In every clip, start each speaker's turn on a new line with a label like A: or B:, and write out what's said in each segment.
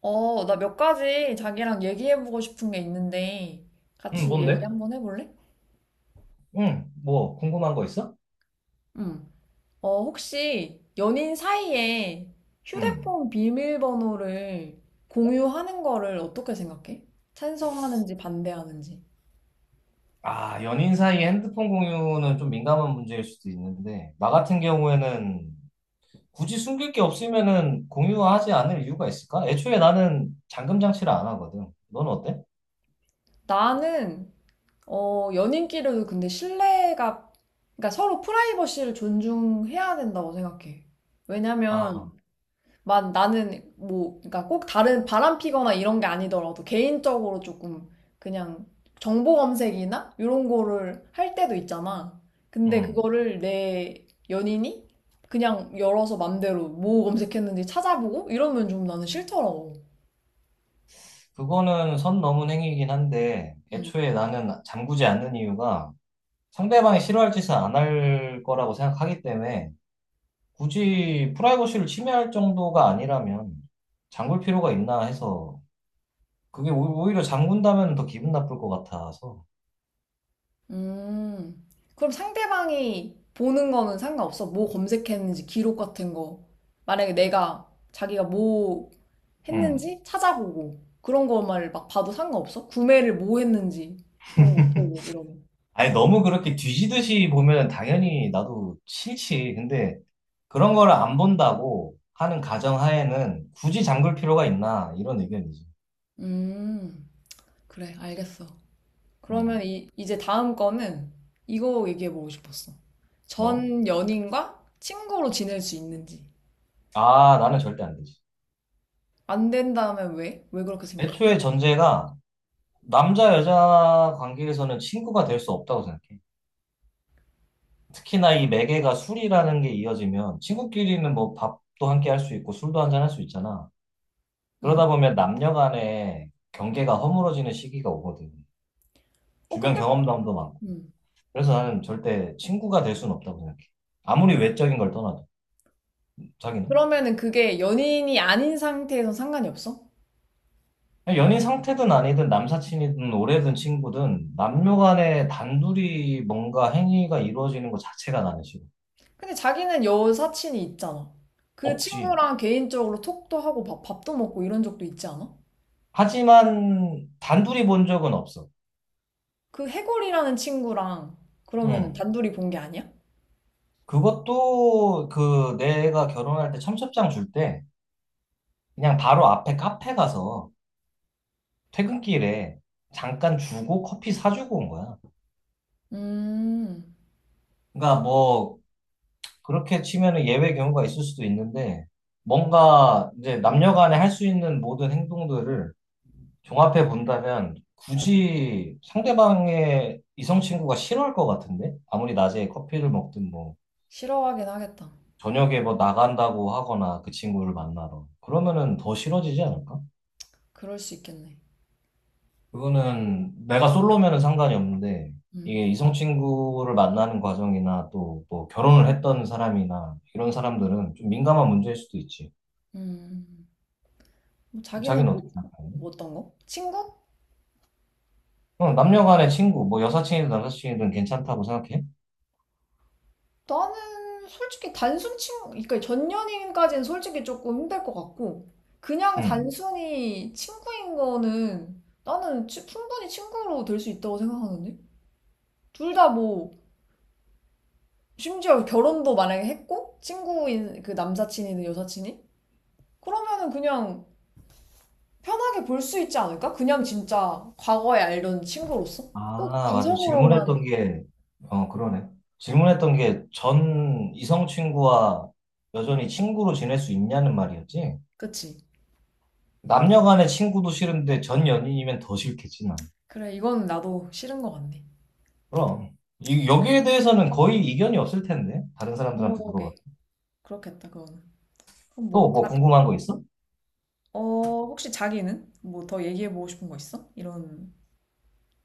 A: 나 몇 가지 자기랑 얘기해보고 싶은 게 있는데,
B: 응,
A: 같이 얘기
B: 뭔데?
A: 한번 해볼래?
B: 응, 뭐, 궁금한 거 있어?
A: 응. 혹시 연인 사이에
B: 응.
A: 휴대폰 비밀번호를 공유하는 거를 어떻게 생각해? 찬성하는지 반대하는지.
B: 아, 연인 사이에 핸드폰 공유는 좀 민감한 문제일 수도 있는데, 나 같은 경우에는 굳이 숨길 게 없으면은 공유하지 않을 이유가 있을까? 애초에 나는 잠금 장치를 안 하거든. 넌 어때?
A: 나는, 연인끼리도 근데 신뢰가, 그러니까 서로 프라이버시를 존중해야 된다고 생각해. 왜냐면,
B: 아,
A: 만 나는 뭐 그러니까 꼭 다른 바람 피거나 이런 게 아니더라도 개인적으로 조금 그냥 정보 검색이나 이런 거를 할 때도 있잖아. 근데
B: 응.
A: 그거를 내 연인이 그냥 열어서 맘대로 뭐 검색했는지 찾아보고 이러면 좀 나는 싫더라고.
B: 그거는 선 넘은 행위이긴 한데,
A: 응.
B: 애초에 나는 잠그지 않는 이유가 상대방이 싫어할 짓을 안 할 거라고 생각하기 때문에, 굳이 프라이버시를 침해할 정도가 아니라면, 잠글 필요가 있나 해서 그게 오히려 장군다면 더 기분 나쁠 것 같아서.
A: 음, 그럼 상대방이 보는 거는 상관없어? 뭐 검색했는지 기록 같은 거. 만약에 내가 자기가 뭐
B: 응.
A: 했는지 찾아보고 그런 것만 막 봐도 상관없어? 구매를 뭐 했는지 이런 거 보고 이러면.
B: 아니, 너무 그렇게 뒤지듯이 보면 당연히 나도 싫지. 근데 그런 거를 안 본다고 하는 가정하에는 굳이 잠글 필요가 있나, 이런 의견이지.
A: 음, 그래, 알겠어. 그러면
B: 응.
A: 이제 다음 거는 이거 얘기해보고 싶었어.
B: 뭐?
A: 전 연인과 친구로 지낼 수 있는지.
B: 아, 나는 절대 안 되지.
A: 안 된다면 왜? 왜 그렇게 생각하는?
B: 애초에 전제가 남자, 여자 관계에서는 친구가 될 수 없다고 생각해. 특히나 이 매개가 술이라는 게 이어지면 친구끼리는 뭐 밥도 함께 할 수 있고 술도 한 잔 할 수 있잖아. 그러다
A: 응.
B: 보면 남녀 간의 경계가 허물어지는 시기가 오거든. 주변
A: 근데?
B: 경험담도 많고. 그래서 나는 절대 친구가 될 수는 없다고 생각해. 아무리 외적인 걸 떠나도. 자기는?
A: 그러면은 그게 연인이 아닌 상태에선 상관이 없어?
B: 연인 상태든 아니든 남사친이든 오래된 친구든 남녀 간에 단둘이 뭔가 행위가 이루어지는 것 자체가 나는 싫어.
A: 근데 자기는 여사친이 있잖아. 그
B: 없지.
A: 친구랑 개인적으로 톡도 하고 밥도 먹고 이런 적도 있지 않아?
B: 하지만 단둘이 본 적은 없어.
A: 그 해골이라는 친구랑 그러면은
B: 응.
A: 단둘이 본 게 아니야?
B: 그것도 그 내가 결혼할 때 청첩장 줄 때 그냥 바로 앞에 카페 가서 퇴근길에 잠깐 주고 커피 사주고 온 거야.
A: 음,
B: 그러니까 뭐 그렇게 치면은 예외 경우가 있을 수도 있는데 뭔가 이제 남녀 간에 할 수 있는 모든 행동들을 종합해 본다면 굳이 상대방의 이성 친구가 싫어할 것 같은데 아무리 낮에 커피를 먹든 뭐
A: 싫어하긴 하겠다.
B: 저녁에 뭐 나간다고 하거나 그 친구를 만나러 그러면은 더 싫어지지 않을까?
A: 그럴 수 있겠네.
B: 그거는 내가 솔로면은 상관이 없는데
A: 음,
B: 이게 이성 친구를 만나는 과정이나 또 뭐 결혼을 했던 사람이나 이런 사람들은 좀 민감한 문제일 수도 있지.
A: 음. 뭐 자기는
B: 자기는 어떻게
A: 뭐,
B: 생각하니?
A: 뭐 어떤 거? 친구?
B: 그럼 남녀 간의 친구, 뭐 여사친이든 남사친이든 괜찮다고 생각해?
A: 나는 솔직히 단순 친구, 그러니까 전 연인까지는 솔직히 조금 힘들 것 같고, 그냥
B: 응.
A: 단순히 친구인 거는 충분히 친구로 될 수 있다고 생각하는데? 둘 다 뭐, 심지어 결혼도 만약에 했고, 친구인, 그 남사친이든 여사친이? 그러면은 그냥 편하게 볼 수 있지 않을까? 그냥 진짜 과거에 알던 친구로서? 꼭
B: 아, 맞아.
A: 이성으로만,
B: 질문했던 게, 어, 그러네. 질문했던 게 전 이성 친구와 여전히 친구로 지낼 수 있냐는 말이었지?
A: 그치?
B: 남녀 간의 친구도 싫은데 전 연인이면 더 싫겠지, 나.
A: 그래, 이건 나도 싫은 것 같네.
B: 그럼 이, 여기에 대해서는 거의 이견이 없을 텐데 다른 사람들한테 물어봐.
A: 그러게, 그렇겠다, 그거는. 그럼
B: 또
A: 뭐,
B: 뭐
A: 다,
B: 궁금한 거 있어?
A: 어, 혹시 자기는 뭐 더 얘기해보고 싶은 거 있어? 이런,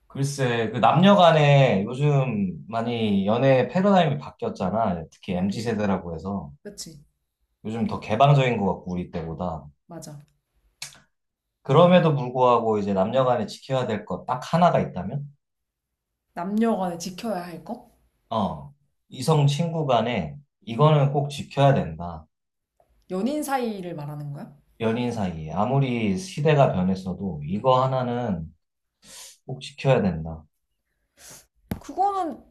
B: 글쎄, 그 남녀 간에 요즘 많이 연애 패러다임이 바뀌었잖아. 특히
A: 음, 음,
B: MZ
A: 음.
B: 세대라고 해서
A: 그치,
B: 요즘 더 개방적인 것 같고 우리 때보다.
A: 맞아.
B: 그럼에도 불구하고 이제 남녀 간에 지켜야 될 것 딱 하나가 있다면,
A: 남녀 간에 지켜야 할 거?
B: 어, 이성 친구 간에
A: 음.
B: 이거는 꼭 지켜야 된다.
A: 연인 사이를 말하는 거야?
B: 연인 사이에 아무리 시대가 변했어도 이거 하나는 꼭 지켜야 된다.
A: 그거는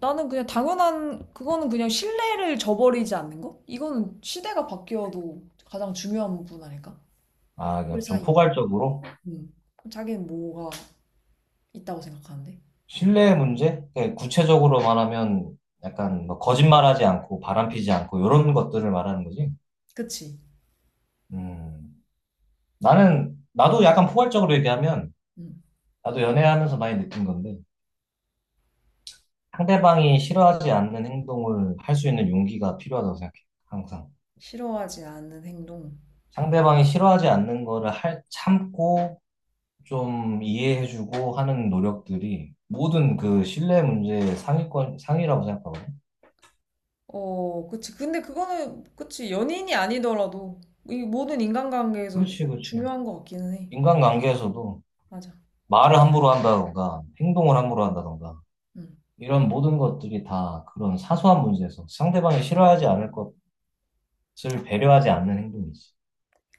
A: 나는 그냥 당연한, 그거는 그냥 신뢰를 저버리지 않는 거? 이거는 시대가 바뀌어도 가장 중요한 부분 아닐까?
B: 아,
A: 커플
B: 그러니까 좀
A: 사이.
B: 포괄적으로?
A: 음. 그럼 자기는 뭐가 있다고 생각하는데?
B: 신뢰의 문제? 예, 구체적으로 말하면 약간 뭐 거짓말하지 않고 바람피지 않고 이런 것들을 말하는 거지.
A: 그치?
B: 음, 나는
A: 어,
B: 나도 약간 포괄적으로 얘기하면
A: 음.
B: 나도 연애하면서 많이 느낀 건데 상대방이 싫어하지 않는 행동을 할 수 있는 용기가 필요하다고 생각해. 항상
A: 싫어하지 않는 행동.
B: 상대방이 싫어하지 않는 거를 할 참고 좀 이해해주고 하는 노력들이 모든 그 신뢰 문제의 상위권 상위라고 생각하거든.
A: 어, 그치. 근데 그거는, 그치. 연인이 아니더라도, 이 모든 인간관계에서
B: 그렇지, 그렇지.
A: 중요한 것 같기는 해.
B: 인간관계에서도
A: 맞아.
B: 말을 함부로 한다던가, 행동을 함부로 한다던가,
A: 음.
B: 이런 모든 것들이 다 그런 사소한 문제에서 상대방이 싫어하지 않을 것을 배려하지 않는 행동이지.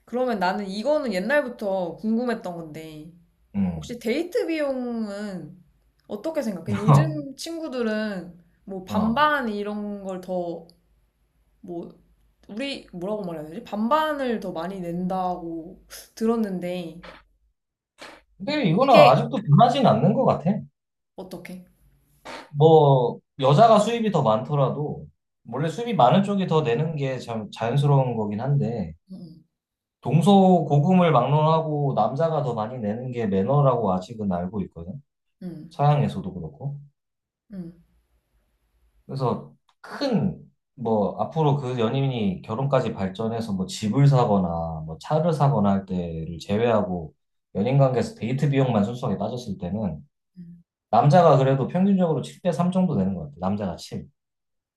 A: 그러면 나는 이거는 옛날부터 궁금했던 건데,
B: 음.
A: 혹시 데이트 비용은 어떻게 생각해? 요즘 친구들은 뭐
B: 어.
A: 반반 이런 걸 더, 뭐, 우리, 뭐라고 말해야 되지? 반반을 더 많이 낸다고 들었는데,
B: 근데 이거는
A: 이게
B: 아직도 변하진 않는 것 같아.
A: 어떻게?
B: 뭐, 여자가 수입이 더 많더라도, 원래 수입이 많은 쪽이 더 내는 게 참 자연스러운 거긴 한데,
A: 응,
B: 동서고금을 막론하고 남자가 더 많이 내는 게 매너라고 아직은 알고 있거든.
A: 응,
B: 서양에서도 그렇고.
A: 응.
B: 그래서 큰, 뭐, 앞으로 그 연인이 결혼까지 발전해서 뭐 집을 사거나 뭐 차를 사거나 할 때를 제외하고 연인 관계에서 데이트 비용만 순수하게 따졌을 때는
A: 응.
B: 남자가 그래도 평균적으로 7대 3 정도 되는 것 같아요. 남자가 7.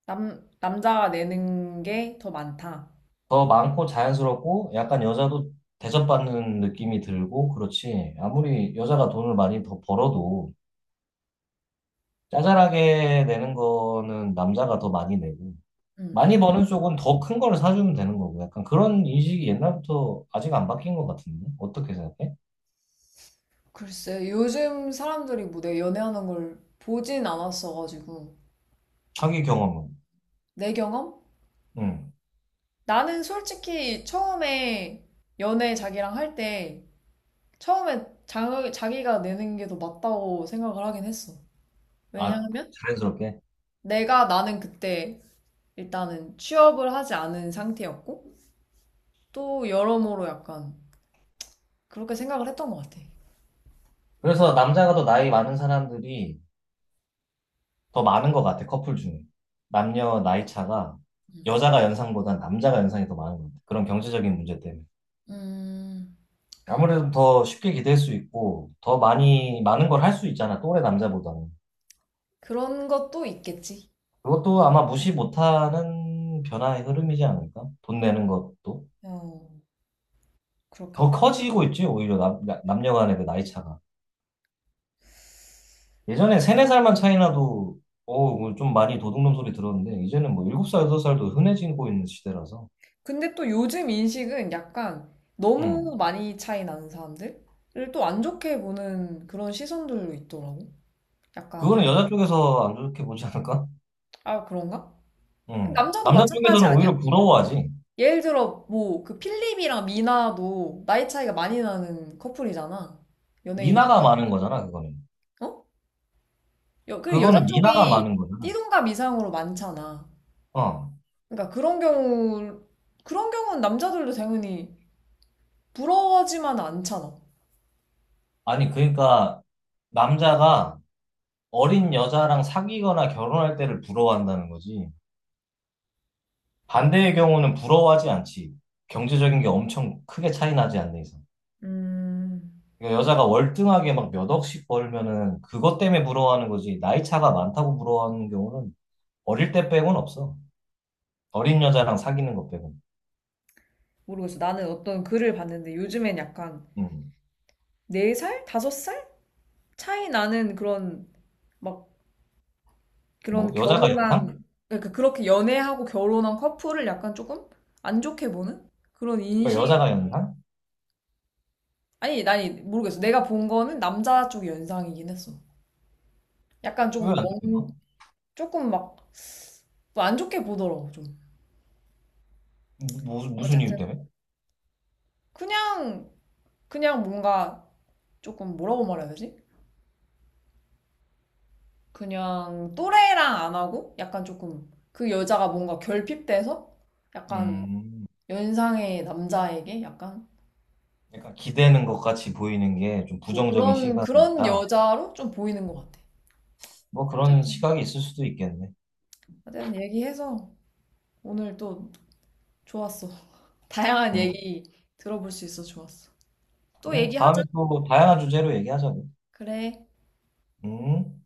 A: 남자가 내는 게 더 많다.
B: 더 많고 자연스럽고 약간 여자도 대접받는 느낌이 들고 그렇지. 아무리 여자가 돈을 많이 더 벌어도 짜잘하게 내는 거는 남자가 더 많이 내고
A: 음.
B: 많이 버는 쪽은 더 큰 거를 사주면 되는 거고, 약간 그런 인식이 옛날부터 아직 안 바뀐 것 같은데? 어떻게 생각해?
A: 글쎄, 요즘 사람들이 뭐 내가 연애하는 걸 보진 않았어가지고.
B: 자기
A: 어.
B: 경험은.
A: 내 경험?
B: 응.
A: 나는 솔직히 처음에 연애 자기랑 할 때 처음에 자기가 내는 게 더 맞다고 생각을 하긴 했어.
B: 아,
A: 왜냐하면
B: 자연스럽게.
A: 내가 나는 그때 일단은 취업을 하지 않은 상태였고 또 여러모로 약간 그렇게 생각을 했던 것 같아.
B: 그래서 남자가 더 나이 많은 사람들이 더 많은 것 같아, 커플 중에. 남녀 나이 차가
A: 음,
B: 여자가 연상보단 남자가 연상이 더 많은 것 같아. 그런 경제적인 문제 때문에.
A: 음,
B: 아무래도 더 쉽게 기댈 수 있고, 더 많이, 많은 걸 할 수 있잖아, 또래 남자보다는.
A: 그런 것도 있겠지.
B: 그것도 아마 무시 못하는 변화의 흐름이지 않을까? 돈 내는 것도.
A: 어,
B: 더
A: 그렇겠다.
B: 커지고 있지, 오히려 남녀 간의 그 나이 차가. 예전에 세네 살만 차이 나도, 어우, 좀 많이 도둑놈 소리 들었는데, 이제는 뭐 7살, 여덟 살도 흔해지고 있는 시대라서.
A: 근데 또 요즘 인식은 약간
B: 응.
A: 너무 많이 차이 나는 사람들을 또 안 좋게 보는 그런 시선들도 있더라고. 약간,
B: 그거는 여자 쪽에서 안 좋게 보지 않을까?
A: 아, 그런가?
B: 응.
A: 남자도
B: 남자
A: 마찬가지
B: 쪽에서는
A: 아니야?
B: 오히려 부러워하지.
A: 예를 들어, 뭐, 그 필립이랑 미나도 나이 차이가 많이 나는 커플이잖아. 연예인
B: 미나가
A: 중에.
B: 많은 거잖아, 그거는.
A: 어? 여, 그 여자
B: 그거는 미나가
A: 쪽이
B: 많은 거잖아.
A: 띠동갑 이상으로 많잖아.
B: 어.
A: 그러니까 그런 경우, 그런 경우는 남자들도 당연히 부러워하지만 않잖아.
B: 아니, 그러니까, 남자가 어린 여자랑 사귀거나 결혼할 때를 부러워한다는 거지. 반대의 경우는 부러워하지 않지. 경제적인 게 엄청 크게 차이 나지 않는 이상.
A: 음.
B: 그러니까 여자가 월등하게 막 몇 억씩 벌면은 그것 때문에 부러워하는 거지. 나이 차가 많다고 부러워하는 경우는 어릴 때 빼고는 없어. 어린 여자랑 사귀는 것 빼고는.
A: 모르겠어. 나는 어떤 글을 봤는데 요즘엔 약간
B: 음.
A: 4살? 5살? 차이 나는 그런 막
B: 뭐,
A: 그런
B: 여자가 연상?
A: 결혼한 그러니까 그렇게 연애하고 결혼한 커플을 약간 조금 안 좋게 보는 그런
B: 그러니까
A: 인식
B: 여자가 연상?
A: 아니 아니 모르겠어. 내가 본 거는 남자 쪽 연상이긴 했어. 약간 조금
B: 왜안
A: 멍
B: 되는
A: 조금 막 안 좋게 보더라고 좀.
B: 무슨 이유
A: 어쨌든
B: 때문에?
A: 그냥 그냥 뭔가 조금 뭐라고 말해야 되지? 그냥 또래랑 안 하고 약간 조금 그 여자가 뭔가 결핍돼서 약간
B: 음.
A: 연상의 남자에게 약간
B: 약간 기대는 것 같이 보이는 게 좀
A: 뭐
B: 부정적인
A: 그런
B: 시각이
A: 그런
B: 있다.
A: 여자로 좀 보이는 것 같아.
B: 뭐 그런
A: 어쨌든
B: 시각이 있을 수도 있겠네.
A: 어쨌든 얘기해서 오늘 또 좋았어. 다양한
B: 음.
A: 얘기 들어볼 수 있어 좋았어. 또
B: 그래. 다음에
A: 얘기하자.
B: 또 다양한 주제로 얘기하자고.
A: 그래.
B: 음.